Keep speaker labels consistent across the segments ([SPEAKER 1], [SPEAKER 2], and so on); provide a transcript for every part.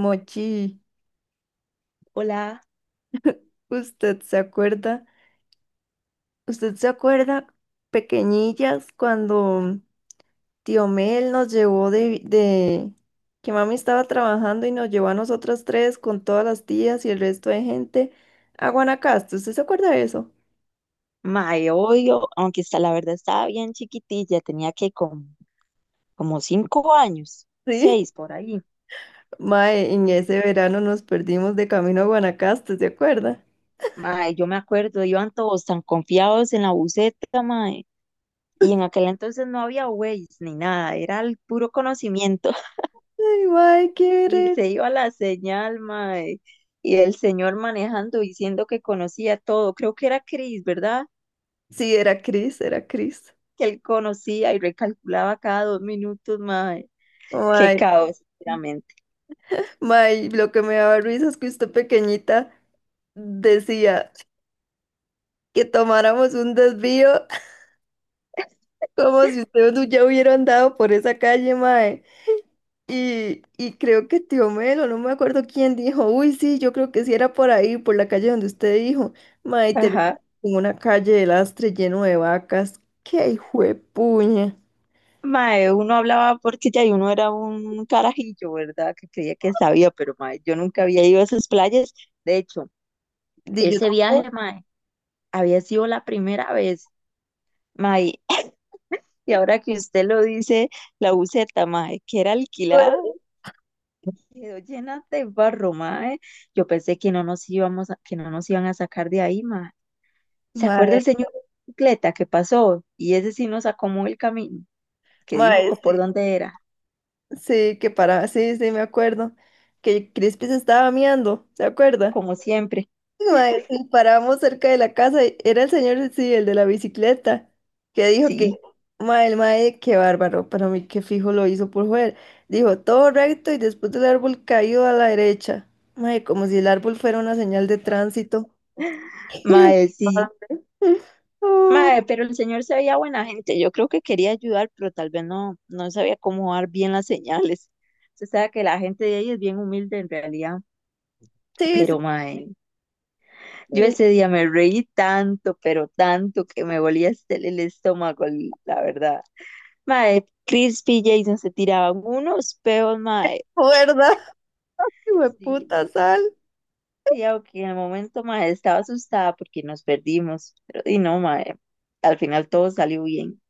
[SPEAKER 1] Mochi,
[SPEAKER 2] Hola,
[SPEAKER 1] ¿usted se acuerda? ¿Usted se acuerda, pequeñillas, cuando tío Mel nos llevó que mami estaba trabajando y nos llevó a nosotras tres con todas las tías y el resto de gente a Guanacaste? ¿Usted se acuerda de eso?
[SPEAKER 2] mae, obvio, aunque está, la verdad estaba bien chiquitilla, tenía que como, como 5 años,
[SPEAKER 1] Sí.
[SPEAKER 2] seis por ahí.
[SPEAKER 1] Mae, en ese verano nos perdimos de camino a Guanacaste, ¿se acuerda?
[SPEAKER 2] Mae, yo me acuerdo, iban todos tan confiados en la buseta, mae, y en aquel entonces no había Waze ni nada, era el puro conocimiento.
[SPEAKER 1] Ay, mae, qué re...
[SPEAKER 2] Y se iba la señal, mae, y el señor manejando diciendo que conocía todo, creo que era Chris, ¿verdad?
[SPEAKER 1] Sí, era Cris, era Cris.
[SPEAKER 2] Que él conocía y recalculaba cada 2 minutos, mae. Qué
[SPEAKER 1] Mae,
[SPEAKER 2] caos, sinceramente.
[SPEAKER 1] mae, lo que me daba risa es que usted pequeñita decía que tomáramos un desvío, como si ustedes no ya hubieran andado por esa calle, mae. Y creo que tío Melo, no me acuerdo quién dijo, uy, sí, yo creo que sí era por ahí, por la calle donde usted dijo, mae, y
[SPEAKER 2] Ajá.
[SPEAKER 1] terminamos en una calle de lastre lleno de vacas, qué hijo de puña.
[SPEAKER 2] Mae, uno hablaba porque ya y uno era un carajillo, ¿verdad? Que creía que sabía, pero mae, yo nunca había ido a esas playas. De hecho,
[SPEAKER 1] Di yo
[SPEAKER 2] ese
[SPEAKER 1] tampoco,
[SPEAKER 2] viaje, mae, había sido la primera vez, mae. Y ahora que usted lo dice, la buseta, mae, que era
[SPEAKER 1] me
[SPEAKER 2] alquilada,
[SPEAKER 1] acuerdo.
[SPEAKER 2] quedó llena de barro, mae. Yo pensé que no nos iban a sacar de ahí, mae. ¿Se acuerda
[SPEAKER 1] mae,
[SPEAKER 2] el señor de bicicleta que pasó? Y ese sí nos acomodó el camino, que dijo
[SPEAKER 1] mae,
[SPEAKER 2] que por
[SPEAKER 1] sí,
[SPEAKER 2] dónde era,
[SPEAKER 1] sí, que para, sí, sí, me acuerdo, que Crispy se estaba miando, ¿se acuerda?
[SPEAKER 2] como siempre.
[SPEAKER 1] Mae, sí, parábamos cerca de la casa, y era el señor, sí, el de la bicicleta, que dijo que,
[SPEAKER 2] Sí,
[SPEAKER 1] mae, el mae, qué bárbaro, para mí qué fijo lo hizo por joder. Dijo, todo recto y después del árbol caído a la derecha. Mae, como si el árbol fuera una señal de tránsito.
[SPEAKER 2] sí.
[SPEAKER 1] Oh,
[SPEAKER 2] Mae, pero el señor se veía buena gente. Yo creo que quería ayudar, pero tal vez no, no sabía cómo dar bien las señales. Usted sabe que la gente de ahí es bien humilde en realidad.
[SPEAKER 1] sí, sí,
[SPEAKER 2] Pero, mae, yo
[SPEAKER 1] sí,
[SPEAKER 2] ese día me reí tanto, pero tanto que me volía hasta el estómago, la verdad. Mae, Crispy y Jason se tiraban unos peos, mae.
[SPEAKER 1] ¿verdad? Hijo de
[SPEAKER 2] Sí,
[SPEAKER 1] puta sal.
[SPEAKER 2] sí, aunque en el momento, mae, estaba asustada porque nos perdimos. Pero, y no, mae, al final todo salió bien.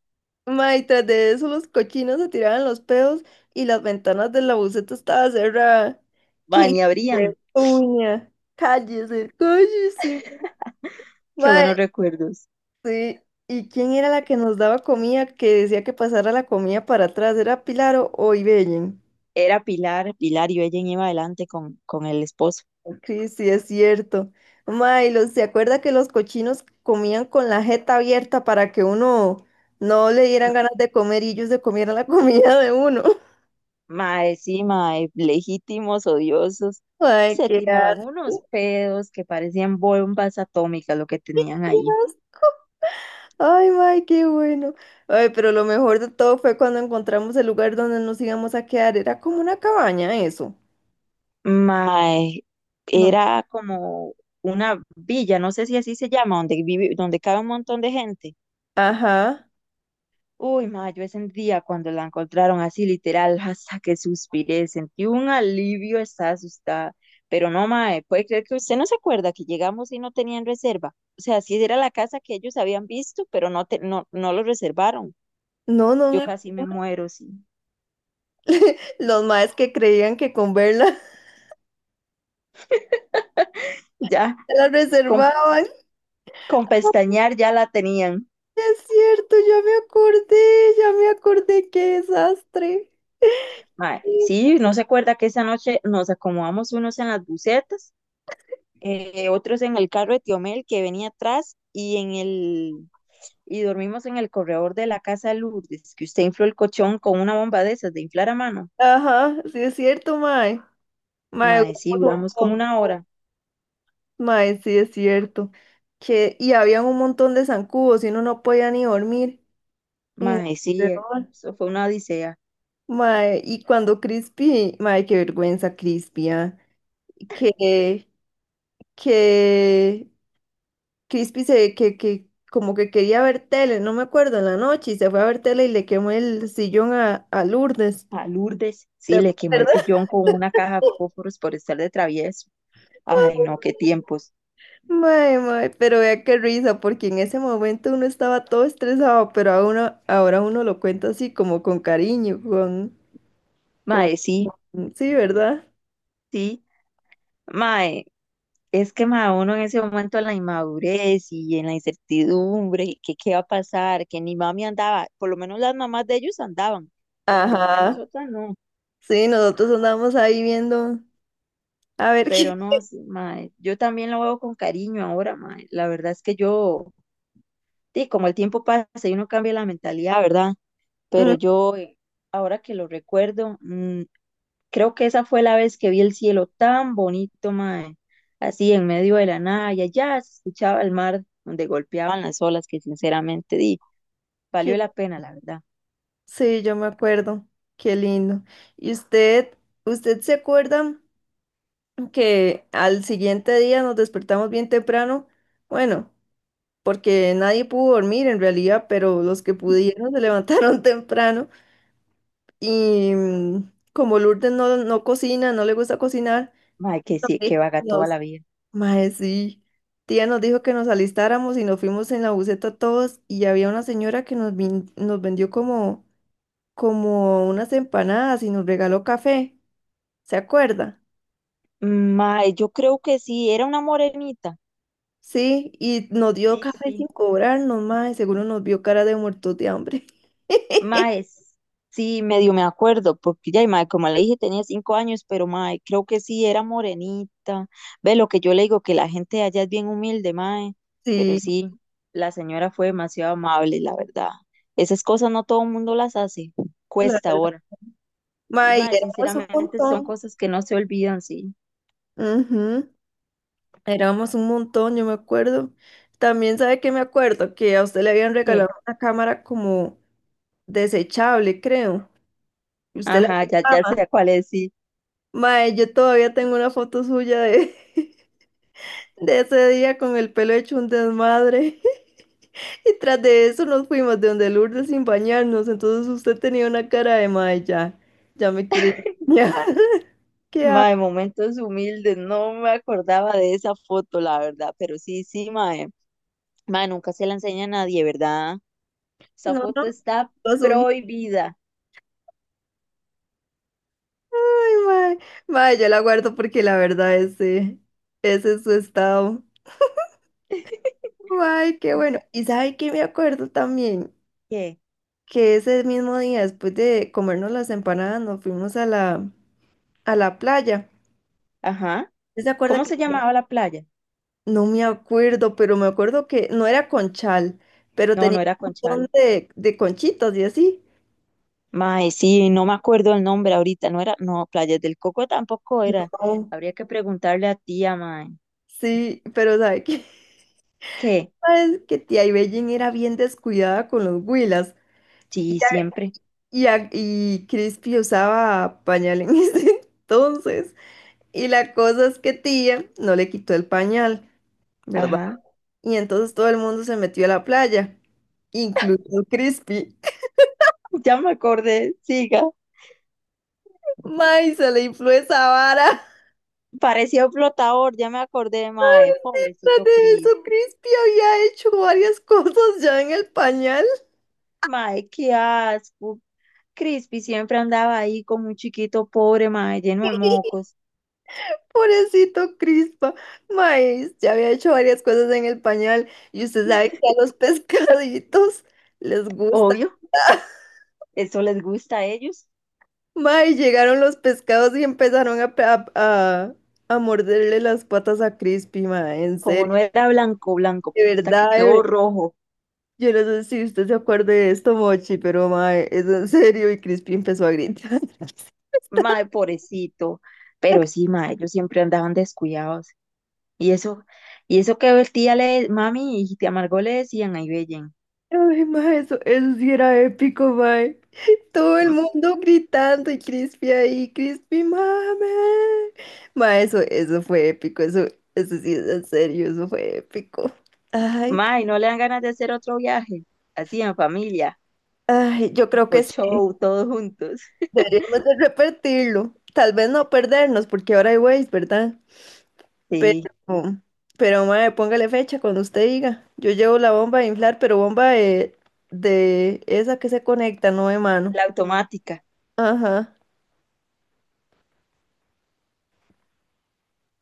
[SPEAKER 1] Ma, y tras de eso los cochinos se tiraban los pedos y las ventanas de la buseta estaba cerrada.
[SPEAKER 2] Mae,
[SPEAKER 1] ¡Qué
[SPEAKER 2] ni abrían.
[SPEAKER 1] uña! ¡Cállese, cállese!
[SPEAKER 2] Qué
[SPEAKER 1] Ma,
[SPEAKER 2] buenos recuerdos.
[SPEAKER 1] sí. ¿Y quién era la que nos daba comida que decía que pasara la comida para atrás? ¿Era Pilar o Ibellen?
[SPEAKER 2] Era Pilar, Pilar y ella iba adelante con el esposo.
[SPEAKER 1] Cris, sí, es cierto. Ma, y los, ¿se acuerda que los cochinos comían con la jeta abierta para que uno no le dieran
[SPEAKER 2] No,
[SPEAKER 1] ganas de comer y ellos se comieran la comida de uno?
[SPEAKER 2] mae, sí, mae, legítimos, odiosos.
[SPEAKER 1] Ay,
[SPEAKER 2] Se
[SPEAKER 1] qué
[SPEAKER 2] tiraban unos
[SPEAKER 1] asco.
[SPEAKER 2] pedos que parecían bombas atómicas lo que
[SPEAKER 1] ¡Qué
[SPEAKER 2] tenían ahí.
[SPEAKER 1] asco! Ay, May, qué bueno. Ay, pero lo mejor de todo fue cuando encontramos el lugar donde nos íbamos a quedar. Era como una cabaña, eso.
[SPEAKER 2] Mae,
[SPEAKER 1] No.
[SPEAKER 2] era como una villa, no sé si así se llama, donde vive, donde cabe un montón de gente.
[SPEAKER 1] Ajá.
[SPEAKER 2] Uy, ma, yo ese día cuando la encontraron así literal, hasta que suspiré, sentí un alivio, estaba asustada. Pero no, ma, puede creer que usted no se acuerda que llegamos y no tenían reserva. O sea, sí era la casa que ellos habían visto, pero no, no, no lo reservaron.
[SPEAKER 1] No, no.
[SPEAKER 2] Yo
[SPEAKER 1] me-
[SPEAKER 2] casi me muero, sí.
[SPEAKER 1] Los maes que creían que con verla
[SPEAKER 2] Ya,
[SPEAKER 1] la
[SPEAKER 2] con,
[SPEAKER 1] reservaban.
[SPEAKER 2] con
[SPEAKER 1] Ay,
[SPEAKER 2] pestañear ya la tenían.
[SPEAKER 1] es cierto, ya me acordé, qué desastre.
[SPEAKER 2] Ma, sí, no se acuerda que esa noche nos acomodamos unos en las bucetas, otros en el carro de Tiomel que venía atrás y en el y dormimos en el corredor de la casa de Lourdes, que usted infló el colchón con una bomba de esas de inflar a mano.
[SPEAKER 1] Ajá, sí es cierto, mae. Mae,
[SPEAKER 2] Mae, sí,
[SPEAKER 1] duramos
[SPEAKER 2] duramos
[SPEAKER 1] un
[SPEAKER 2] como una
[SPEAKER 1] montón.
[SPEAKER 2] hora.
[SPEAKER 1] Mae, sí, es cierto. Que, y había un montón de zancudos y uno no podía ni dormir en el
[SPEAKER 2] Mae, sí,
[SPEAKER 1] corredor.
[SPEAKER 2] eso fue una odisea.
[SPEAKER 1] Mae, y cuando Crispy, mae, qué vergüenza Crispy, ah, Que, que Crispy se, que como que quería ver tele, no me acuerdo, en la noche, y se fue a ver tele y le quemó el sillón a Lourdes.
[SPEAKER 2] A Lourdes,
[SPEAKER 1] ¿Te
[SPEAKER 2] sí, le quemó el
[SPEAKER 1] acuerdas?
[SPEAKER 2] sillón con una caja de fósforos por estar de travieso. Ay, no, qué tiempos.
[SPEAKER 1] Mae, pero vea qué risa, porque en ese momento uno estaba todo estresado, pero a uno- ahora uno lo cuenta así como con cariño, con, como,
[SPEAKER 2] Mae, sí,
[SPEAKER 1] sí, ¿verdad?
[SPEAKER 2] sí. Mae, es que mae, uno en ese momento en la inmadurez y en la incertidumbre, y que qué va a pasar, que ni mami andaba, por lo menos las mamás de ellos andaban, pero la mamá de
[SPEAKER 1] Ajá,
[SPEAKER 2] nosotras no.
[SPEAKER 1] sí, nosotros andábamos ahí viendo, a ver qué,
[SPEAKER 2] Pero no, sí, mae, yo también lo veo con cariño ahora, mae. La verdad es que yo, sí, como el tiempo pasa y uno cambia la mentalidad, ¿verdad? Pero
[SPEAKER 1] mm,
[SPEAKER 2] yo, ahora que lo recuerdo, creo que esa fue la vez que vi el cielo tan bonito, mae, así en medio de la nada y allá se escuchaba el mar donde golpeaban las olas, que sinceramente, di,
[SPEAKER 1] qué-
[SPEAKER 2] valió la pena, la verdad.
[SPEAKER 1] sí, yo me acuerdo, qué lindo. ¿Y usted, usted se acuerda que al siguiente día nos despertamos bien temprano? Bueno, porque nadie pudo dormir en realidad, pero los que pudieron se levantaron temprano. Y mm, como Lourdes no cocina, no le gusta cocinar,
[SPEAKER 2] Mae, que
[SPEAKER 1] nos
[SPEAKER 2] sí, que
[SPEAKER 1] dijo
[SPEAKER 2] vaga
[SPEAKER 1] que
[SPEAKER 2] toda
[SPEAKER 1] nos-
[SPEAKER 2] la vida.
[SPEAKER 1] mae, sí. Tía nos dijo que nos alistáramos y nos fuimos en la buseta todos y había una señora que nos, vin- nos vendió como, como unas empanadas y nos regaló café. ¿Se acuerda?
[SPEAKER 2] Mae, yo creo que sí, era una morenita.
[SPEAKER 1] Sí, y nos dio
[SPEAKER 2] Sí,
[SPEAKER 1] café sin
[SPEAKER 2] sí.
[SPEAKER 1] cobrarnos, mae, seguro nos vio cara de muertos de hambre.
[SPEAKER 2] Mae, sí, medio me acuerdo, porque ya, y mae, como le dije, tenía 5 años, pero mae, creo que sí, era morenita. Ve lo que yo le digo, que la gente de allá es bien humilde, mae, pero
[SPEAKER 1] Sí,
[SPEAKER 2] sí, la señora fue demasiado amable, la verdad. Esas cosas no todo el mundo las hace,
[SPEAKER 1] la
[SPEAKER 2] cuesta
[SPEAKER 1] verdad.
[SPEAKER 2] ahora. Y
[SPEAKER 1] Mae, y
[SPEAKER 2] mae,
[SPEAKER 1] éramos un
[SPEAKER 2] sinceramente son
[SPEAKER 1] montón.
[SPEAKER 2] cosas que no se olvidan, sí.
[SPEAKER 1] Ujú. Éramos un montón, yo me acuerdo. También sabe que me acuerdo que a usted le habían
[SPEAKER 2] Eh,
[SPEAKER 1] regalado una cámara como desechable, creo. Y usted la
[SPEAKER 2] Ajá, ya, ya
[SPEAKER 1] llevaba.
[SPEAKER 2] sé cuál es, sí.
[SPEAKER 1] Mae, yo todavía tengo una foto suya de, de ese día con el pelo hecho un desmadre. Y tras de eso nos fuimos de donde Lourdes sin bañarnos. Entonces usted tenía una cara de mae, ya, ya me quiero ir a bañar. ¿Qué ha-
[SPEAKER 2] Mae, momentos humildes, no me acordaba de esa foto, la verdad, pero sí, sí, mae. Ma, nunca se la enseña a nadie, ¿verdad? Esa
[SPEAKER 1] No, no,
[SPEAKER 2] foto está
[SPEAKER 1] lo subí.
[SPEAKER 2] prohibida.
[SPEAKER 1] Ay, mae, yo la guardo porque la verdad ese, ese es su estado. Ay, qué bueno. ¿Y sabe qué me acuerdo también?
[SPEAKER 2] ¿Qué?
[SPEAKER 1] Que ese mismo día, después de comernos las empanadas, nos fuimos a la playa.
[SPEAKER 2] Ajá.
[SPEAKER 1] ¿Usted se acuerda
[SPEAKER 2] ¿Cómo
[SPEAKER 1] que
[SPEAKER 2] se llamaba la playa?
[SPEAKER 1] no me acuerdo, pero me acuerdo que no era Conchal, pero
[SPEAKER 2] No,
[SPEAKER 1] tenía
[SPEAKER 2] no era
[SPEAKER 1] un montón
[SPEAKER 2] Conchal.
[SPEAKER 1] de conchitas y así?
[SPEAKER 2] Mae, sí, no me acuerdo el nombre ahorita, no era, no, Playas del Coco tampoco era.
[SPEAKER 1] Oh,
[SPEAKER 2] Habría que preguntarle a tía, mae.
[SPEAKER 1] sí, pero ¿sabe qué?
[SPEAKER 2] ¿Qué?
[SPEAKER 1] ¿Sabes que tía Ibellín era bien descuidada con los huilas?
[SPEAKER 2] Sí, siempre.
[SPEAKER 1] Y Crispy usaba pañal en ese entonces. Y la cosa es que tía no le quitó el pañal, ¿verdad?
[SPEAKER 2] Ajá.
[SPEAKER 1] Y entonces todo el mundo se metió a la playa, incluso Crispy.
[SPEAKER 2] Ya me acordé, siga.
[SPEAKER 1] ¡May! Se le infló esa vara.
[SPEAKER 2] Parecía un flotador, ya me acordé, mae.
[SPEAKER 1] Tras
[SPEAKER 2] Pobrecito
[SPEAKER 1] de
[SPEAKER 2] Chris.
[SPEAKER 1] eso, Crispy había hecho varias cosas ya en el pañal.
[SPEAKER 2] Mae, qué asco. Crispy siempre andaba ahí con un chiquito pobre, mae, lleno de mocos.
[SPEAKER 1] Pobrecito Crispa. Maíz, ya había hecho varias cosas en el pañal. Y usted sabe que a los pescaditos les gusta.
[SPEAKER 2] Obvio, eso les gusta a ellos.
[SPEAKER 1] Mae, llegaron los pescados y empezaron a morderle las patas a Crispy, mae, en
[SPEAKER 2] Como no
[SPEAKER 1] serio,
[SPEAKER 2] era blanco, blanco,
[SPEAKER 1] de
[SPEAKER 2] hasta que
[SPEAKER 1] verdad, de ver-
[SPEAKER 2] quedó rojo.
[SPEAKER 1] Yo no sé si usted se acuerda de esto, Mochi, pero mae, es en serio, y Crispy empezó a gritar.
[SPEAKER 2] Mae, pobrecito. Pero sí, mae, ellos siempre andaban descuidados. Y eso, y eso que el tía le, mami y tía Margot le decían, ahí bellen.
[SPEAKER 1] Ay, mae, eso sí era épico, mae. Todo el
[SPEAKER 2] "M-
[SPEAKER 1] mundo gritando y Crispy ahí, Crispy, mame. Mae, eso fue épico, eso sí es en serio, eso fue épico. Ay,
[SPEAKER 2] Mae, no le dan ganas de hacer otro viaje. Así en familia,
[SPEAKER 1] ay, yo creo
[SPEAKER 2] o
[SPEAKER 1] que sí.
[SPEAKER 2] show, todos juntos.
[SPEAKER 1] Deberíamos de repetirlo. Tal vez no perdernos, porque ahora hay Waze, ¿verdad?
[SPEAKER 2] Sí,
[SPEAKER 1] Pero, pero mae, póngale fecha cuando usted diga. Yo llevo la bomba de inflar, pero bomba de esa que se conecta, no de mano.
[SPEAKER 2] la automática.
[SPEAKER 1] Ajá.